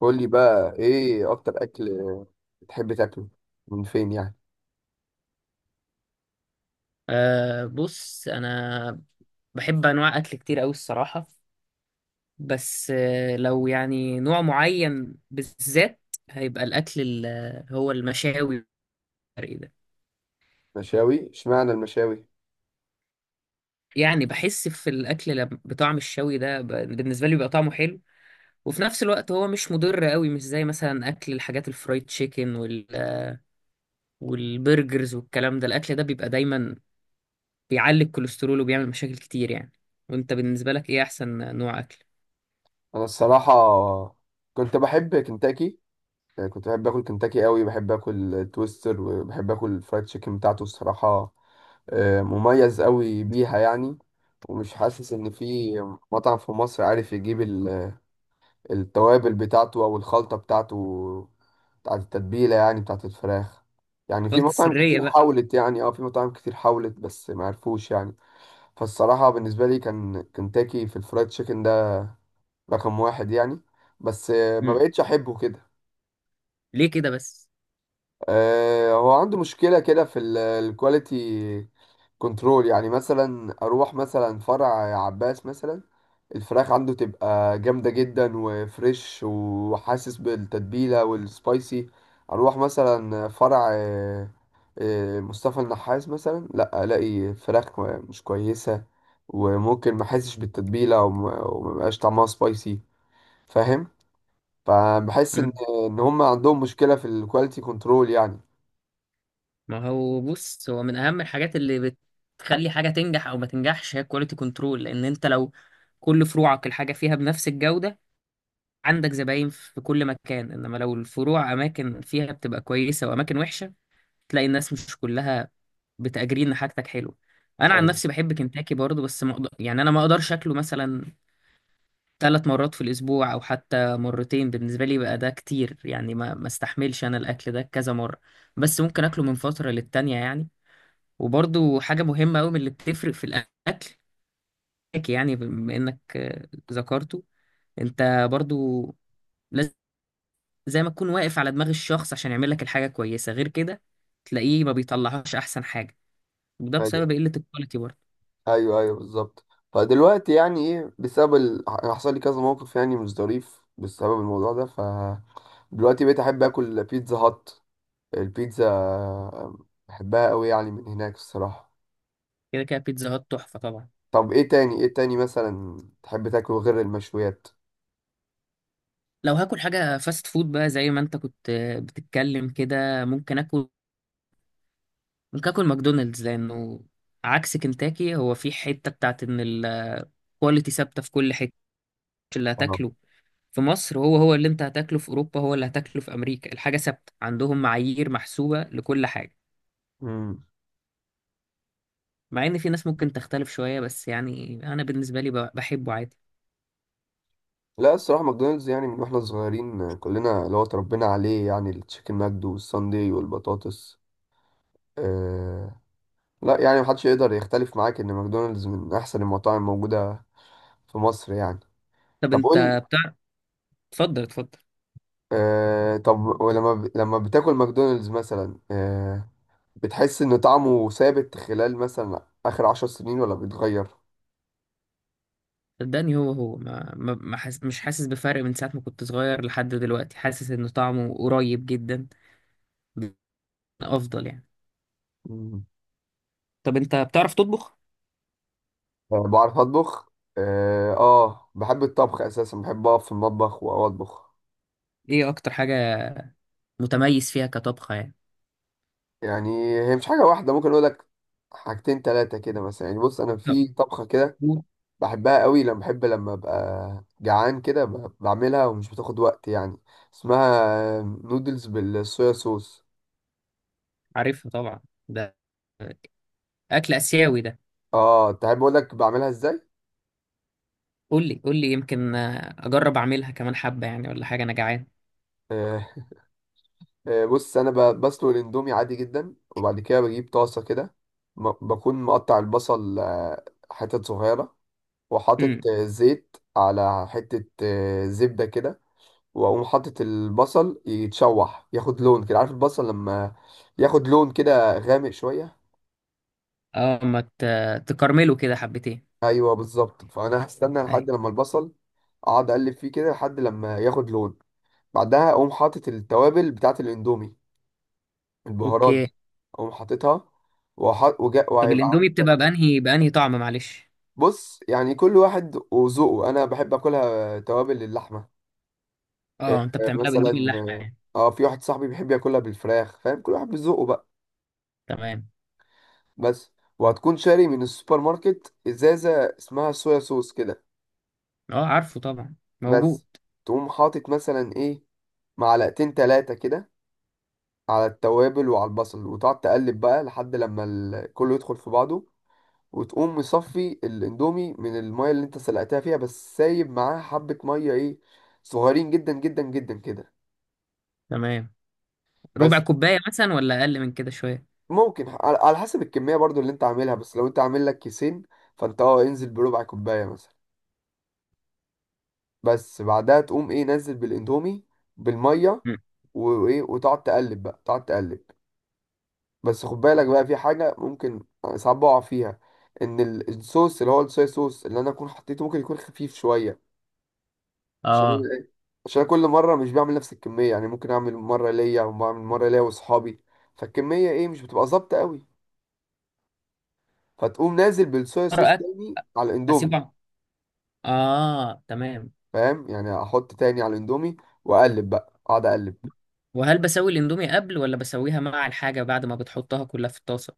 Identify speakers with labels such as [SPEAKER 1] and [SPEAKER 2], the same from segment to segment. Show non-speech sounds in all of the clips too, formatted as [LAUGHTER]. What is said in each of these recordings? [SPEAKER 1] قول لي بقى، ايه اكتر اكل بتحب تاكله؟ من فين يعني؟
[SPEAKER 2] أه، بص انا بحب انواع اكل كتير قوي الصراحه. بس لو يعني نوع معين بالذات هيبقى الاكل هو المشاوي والحرق ده.
[SPEAKER 1] مشاوي؟ اشمعنى المشاوي؟
[SPEAKER 2] يعني بحس في الاكل بطعم الشوي ده بالنسبه لي بيبقى طعمه حلو، وفي نفس الوقت هو مش مضر قوي، مش زي مثلا اكل الحاجات الفرايد تشيكن والبرجرز والكلام ده. الاكل ده بيبقى دايما بيعلي الكوليسترول وبيعمل مشاكل كتير يعني. وانت بالنسبه لك ايه احسن نوع اكل؟
[SPEAKER 1] انا الصراحه كنت بحب كنتاكي، يعني كنت بحب اكل كنتاكي قوي، بحب اكل تويستر وبحب اكل الفرايد تشيكن بتاعته الصراحه. مميز قوي بيها يعني. ومش حاسس ان في مطعم في مصر عارف يجيب التوابل بتاعته او الخلطه بتاعته، بتاعت التتبيله يعني، بتاعت الفراخ. يعني في
[SPEAKER 2] الخلطه
[SPEAKER 1] مطاعم
[SPEAKER 2] السريه
[SPEAKER 1] كتير
[SPEAKER 2] بقى.
[SPEAKER 1] حاولت، يعني في مطاعم كتير حاولت بس ما عرفوش يعني. فالصراحه بالنسبه لي كان كنتاكي في الفرايد تشيكن ده رقم واحد يعني. بس ما بقتش احبه كده.
[SPEAKER 2] ليه كده بس؟
[SPEAKER 1] هو عنده مشكله كده في الكواليتي كنترول، يعني مثلا اروح مثلا فرع عباس مثلا، الفراخ عنده تبقى جامدة جدا وفريش وحاسس بالتتبيلة والسبايسي. اروح مثلا فرع مصطفى النحاس مثلا، لا الاقي فراخ مش كويسة، وممكن ما احسش بالتتبيلة وما يبقاش طعمها سبايسي، فاهم؟ فبحس ان
[SPEAKER 2] مم.
[SPEAKER 1] هم عندهم مشكلة في الكواليتي كنترول يعني.
[SPEAKER 2] ما هو بص، هو من اهم الحاجات اللي بتخلي حاجه تنجح او ما تنجحش هي كواليتي كنترول. لان انت لو كل فروعك الحاجه فيها بنفس الجوده، عندك زباين في كل مكان، انما لو الفروع اماكن فيها بتبقى كويسه واماكن وحشه، تلاقي الناس مش كلها بتأجري ان حاجتك حلوه. انا عن نفسي بحب كنتاكي برضه، بس ما أقدر- يعني انا ما اقدرش اكله مثلا 3 مرات في الأسبوع أو حتى مرتين. بالنسبة لي بقى ده كتير يعني، ما استحملش أنا الأكل ده كذا مرة. بس ممكن أكله من فترة للتانية يعني. وبرضو حاجة مهمة أوي من اللي بتفرق في الأكل، يعني بما إنك ذكرته، أنت برضو لازم زي ما تكون واقف على دماغ الشخص عشان يعمل لك الحاجة كويسة، غير كده تلاقيه ما بيطلعهاش أحسن حاجة، وده
[SPEAKER 1] ايوه،
[SPEAKER 2] بسبب قلة الكواليتي برضو.
[SPEAKER 1] ايوه، ايوه، بالظبط. فدلوقتي يعني ايه، بسبب حصل لي كذا موقف يعني مش ظريف بسبب الموضوع ده، ف دلوقتي بقيت احب اكل بيتزا هات. البيتزا بحبها قوي يعني من هناك الصراحه.
[SPEAKER 2] كده كده بيتزا هات تحفة طبعا.
[SPEAKER 1] طب ايه تاني؟ مثلا تحب تاكله غير المشويات؟
[SPEAKER 2] لو هاكل حاجة فاست فود بقى، زي ما انت كنت بتتكلم كده، ممكن اكل كاكل ماكدونالدز، لانه عكس كنتاكي هو في حته بتاعت ان الكواليتي ثابته في كل حته اللي
[SPEAKER 1] أنا.
[SPEAKER 2] هتاكله. في مصر هو هو اللي انت هتاكله في اوروبا هو اللي هتاكله في امريكا، الحاجه ثابته عندهم، معايير محسوبه لكل حاجه.
[SPEAKER 1] امم.
[SPEAKER 2] مع ان في ناس ممكن تختلف شويه، بس يعني انا بالنسبه لي بحبه عادي.
[SPEAKER 1] لا الصراحه، ماكدونالدز، يعني من واحنا صغيرين كلنا اللي هو اتربينا عليه، يعني التشيكن ماجد والساندي والبطاطس. أه... لا يعني محدش يقدر يختلف معاك ان ماكدونالدز من احسن المطاعم موجوده في مصر يعني.
[SPEAKER 2] طب
[SPEAKER 1] طب قول.
[SPEAKER 2] انت بتاع... اتفضل اتفضل.
[SPEAKER 1] طب ولما لما بتاكل ماكدونالدز مثلا، بتحس ان طعمه ثابت خلال مثلا اخر 10 سنين ولا بيتغير؟
[SPEAKER 2] صدقني هو هو ما مش حاسس بفرق من ساعه ما كنت صغير لحد دلوقتي، حاسس ان طعمه قريب جدا افضل يعني.
[SPEAKER 1] مم.
[SPEAKER 2] طب انت بتعرف تطبخ؟
[SPEAKER 1] آه، بعرف اطبخ. بحب الطبخ اساسا، بحب اقف في المطبخ واطبخ.
[SPEAKER 2] ايه اكتر حاجه متميز فيها كطبخة يعني؟
[SPEAKER 1] يعني هي مش حاجه واحده، ممكن اقول لك حاجتين تلاتة كده مثلا. يعني بص انا في طبخه كده
[SPEAKER 2] لا،
[SPEAKER 1] بحبها قوي، لما بحب لما ابقى جعان كده بعملها ومش بتاخد وقت يعني. اسمها نودلز بالصويا صوص.
[SPEAKER 2] عارفها طبعا، ده اكل اسيوي ده.
[SPEAKER 1] اه، انت عارف؟ بقول لك بعملها ازاي.
[SPEAKER 2] قول لي قول لي يمكن، اجرب اعملها كمان حبه يعني، ولا حاجه انا جعان.
[SPEAKER 1] آه بص انا بسلق الاندومي عادي جدا، وبعد كده بجيب طاسه كده، بكون مقطع البصل حتت صغيره، وحاطط
[SPEAKER 2] امم.
[SPEAKER 1] زيت على حته زبده كده. واقوم حاطط البصل يتشوح، ياخد لون كده. عارف البصل لما ياخد لون كده غامق شويه؟
[SPEAKER 2] اه، ما تكرمله كده حبتين.
[SPEAKER 1] ايوه بالظبط، فانا هستنى
[SPEAKER 2] أيوة.
[SPEAKER 1] لحد لما البصل، اقعد اقلب فيه كده لحد لما ياخد لون. بعدها اقوم حاطط التوابل بتاعه الاندومي، البهارات
[SPEAKER 2] اوكي.
[SPEAKER 1] دي، اقوم حاططها.
[SPEAKER 2] طب
[SPEAKER 1] وهيبقى
[SPEAKER 2] الاندومي بتبقى
[SPEAKER 1] عندك.
[SPEAKER 2] بانهي طعم معلش؟
[SPEAKER 1] بص يعني كل واحد وذوقه، انا بحب اكلها توابل اللحمه. إيه،
[SPEAKER 2] اه، انت بتعملها باندومي
[SPEAKER 1] مثلا،
[SPEAKER 2] اللحمه يعني؟
[SPEAKER 1] اه في واحد صاحبي بيحب ياكلها بالفراخ، فاهم؟ كل واحد بذوقه بقى.
[SPEAKER 2] تمام.
[SPEAKER 1] بس، وهتكون شاري من السوبر ماركت ازازه اسمها صويا صوص كده.
[SPEAKER 2] اه، عارفه طبعا،
[SPEAKER 1] بس
[SPEAKER 2] موجود.
[SPEAKER 1] تقوم حاطط مثلا ايه، معلقتين تلاتة كده، على التوابل وعلى البصل، وتقعد تقلب بقى لحد لما كله يدخل في بعضه. وتقوم مصفي الاندومي من الميه اللي انت سلقتها فيها، بس سايب معاها حبه ميه ايه، صغيرين جدا جدا جدا كده.
[SPEAKER 2] تمام. ربع
[SPEAKER 1] بس
[SPEAKER 2] كوبايه مثلا ولا اقل من كده شويه؟
[SPEAKER 1] ممكن، على حسب الكميه برضو اللي انت عاملها، بس لو انت عامل لك كيسين فانت، انزل بربع كوبايه مثلا. بس بعدها تقوم ايه؟ نزل بالاندومي بالميه،
[SPEAKER 2] مم.
[SPEAKER 1] وايه، وتقعد تقلب بقى، تقعد تقلب. بس خد بالك بقى، في حاجه ممكن ساعات بقع فيها، ان الصوص اللي هو الصويا صوص اللي انا اكون حطيته ممكن يكون خفيف شويه. عشان
[SPEAKER 2] اه،
[SPEAKER 1] ايه؟ عشان كل مره مش بعمل نفس الكميه، يعني ممكن اعمل مره ليا وبعمل مره ليا واصحابي، فالكميه ايه مش بتبقى ظابطه قوي. فتقوم نازل بالصويا صوص
[SPEAKER 2] مرة أك-
[SPEAKER 1] تاني على الاندومي،
[SPEAKER 2] اسيبه، اه تمام.
[SPEAKER 1] فاهم؟ يعني احط تاني على الاندومي، واقلب بقى، اقعد اقلب.
[SPEAKER 2] وهل بسوي الاندومي قبل ولا بسويها مع الحاجة بعد ما بتحطها كلها في الطاسة؟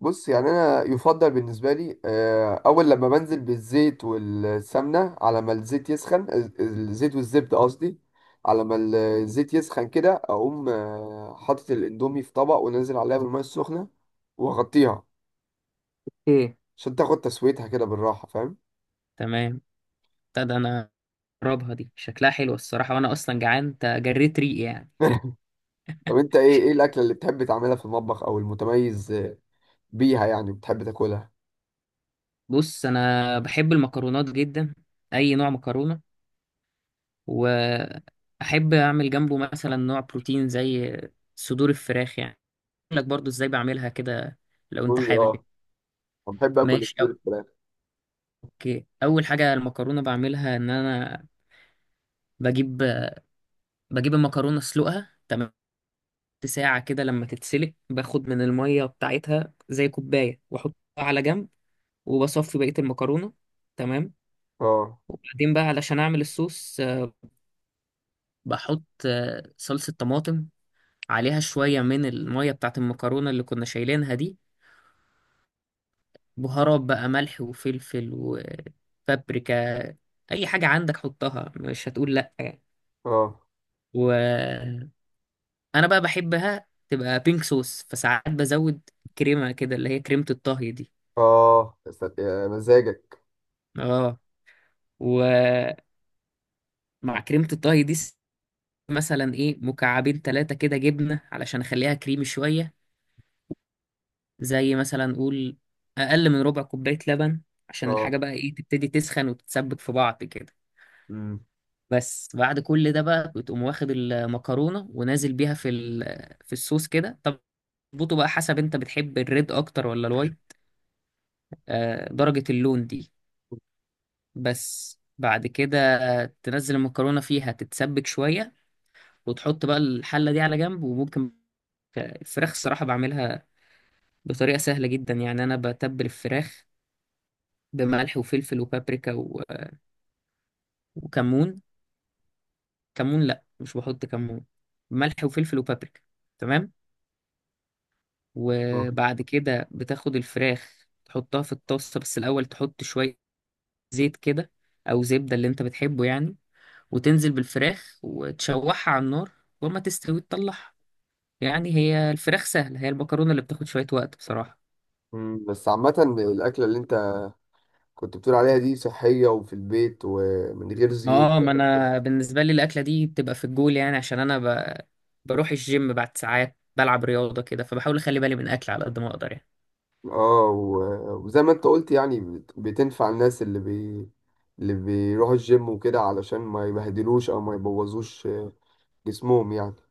[SPEAKER 1] بص يعني انا يفضل بالنسبه لي، اول لما بنزل بالزيت والسمنه، على ما الزيت يسخن الزيت والزبده قصدي، على ما الزيت يسخن كده اقوم حاطط الاندومي في طبق، ونازل عليها بالميه السخنه واغطيها،
[SPEAKER 2] ايه؟
[SPEAKER 1] عشان تاخد تسويتها كده بالراحة، فاهم؟
[SPEAKER 2] تمام. ده انا اجربها دي، شكلها حلو الصراحة، وانا اصلا جعان، انت جريت ريقي يعني.
[SPEAKER 1] [LAUGHS] طب انت، ايه الاكلة اللي بتحب تعملها في المطبخ او المتميز بيها يعني بتحب تاكلها؟
[SPEAKER 2] بص انا بحب المكرونات جدا، اي نوع مكرونة، واحب اعمل جنبه مثلا نوع بروتين زي صدور الفراخ يعني. اقول لك برضو ازاي بعملها كده لو انت
[SPEAKER 1] قول لي.
[SPEAKER 2] حابب يعني.
[SPEAKER 1] اه، انا بحب اكل
[SPEAKER 2] ماشي.
[SPEAKER 1] صدور الفراخ.
[SPEAKER 2] اوكي، اول حاجة المكرونة بعملها ان انا بجيب بجيب المكرونة اسلقها تمام ساعة كده. لما تتسلق باخد من المية بتاعتها زي كوباية وأحطها على جنب، وبصفي بقية المكرونة، تمام.
[SPEAKER 1] اه.
[SPEAKER 2] وبعدين بقى علشان أعمل الصوص بحط صلصة طماطم، عليها شوية من المية بتاعت المكرونة اللي كنا شايلينها دي، بهارات بقى ملح وفلفل وبابريكا. أي حاجة عندك حطها، مش هتقول لأ يعني.
[SPEAKER 1] اه،
[SPEAKER 2] وأنا بقى بحبها تبقى بينك صوص، فساعات بزود كريمة كده اللي هي كريمة الطهي دي.
[SPEAKER 1] اه، يا سلام، يا مزاجك.
[SPEAKER 2] اه، و مع كريمة الطهي دي مثلا ايه مكعبين ثلاثة كده جبنة علشان اخليها كريمي شوية، زي مثلا قول اقل من ربع كوباية لبن، عشان
[SPEAKER 1] اه.
[SPEAKER 2] الحاجة بقى ايه تبتدي تسخن وتتسبك في بعض كده.
[SPEAKER 1] امم.
[SPEAKER 2] بس بعد كل ده بقى بتقوم واخد المكرونة ونازل بيها في في الصوص كده، تظبطه بقى حسب انت بتحب الريد اكتر ولا الوايت، درجة اللون دي. بس بعد كده تنزل المكرونة فيها تتسبك شوية، وتحط بقى الحلة دي على جنب. وممكن الفراخ الصراحة بعملها بطريقة سهلة جدا يعني. أنا بتبل الفراخ بملح وفلفل وبابريكا وكمون. كمون لأ، مش بحط كمون، ملح وفلفل وبابريكا، تمام.
[SPEAKER 1] آه.
[SPEAKER 2] وبعد كده بتاخد الفراخ تحطها في الطاسة، بس الأول تحط شوية زيت كده أو زبدة اللي أنت بتحبه يعني، وتنزل بالفراخ وتشوحها على النار، وما تستوي تطلعها. يعني هي الفراخ سهلة، هي المكرونة اللي بتاخد شوية وقت بصراحة.
[SPEAKER 1] أمم. بس عامة، الأكلة اللي أنت كنت بتقول عليها دي صحية وفي البيت ومن غير زيوت؟
[SPEAKER 2] اه، ما انا بالنسبه لي الاكله دي بتبقى في الجول يعني، عشان انا ب... بروح الجيم بعد ساعات بلعب رياضه كده، فبحاول اخلي بالي من الاكل على قد ما اقدر يعني.
[SPEAKER 1] اه، وزي ما أنت قلت يعني، بتنفع الناس اللي اللي بيروحوا الجيم وكده علشان ما يبهدلوش أو ما يبوظوش جسمهم يعني.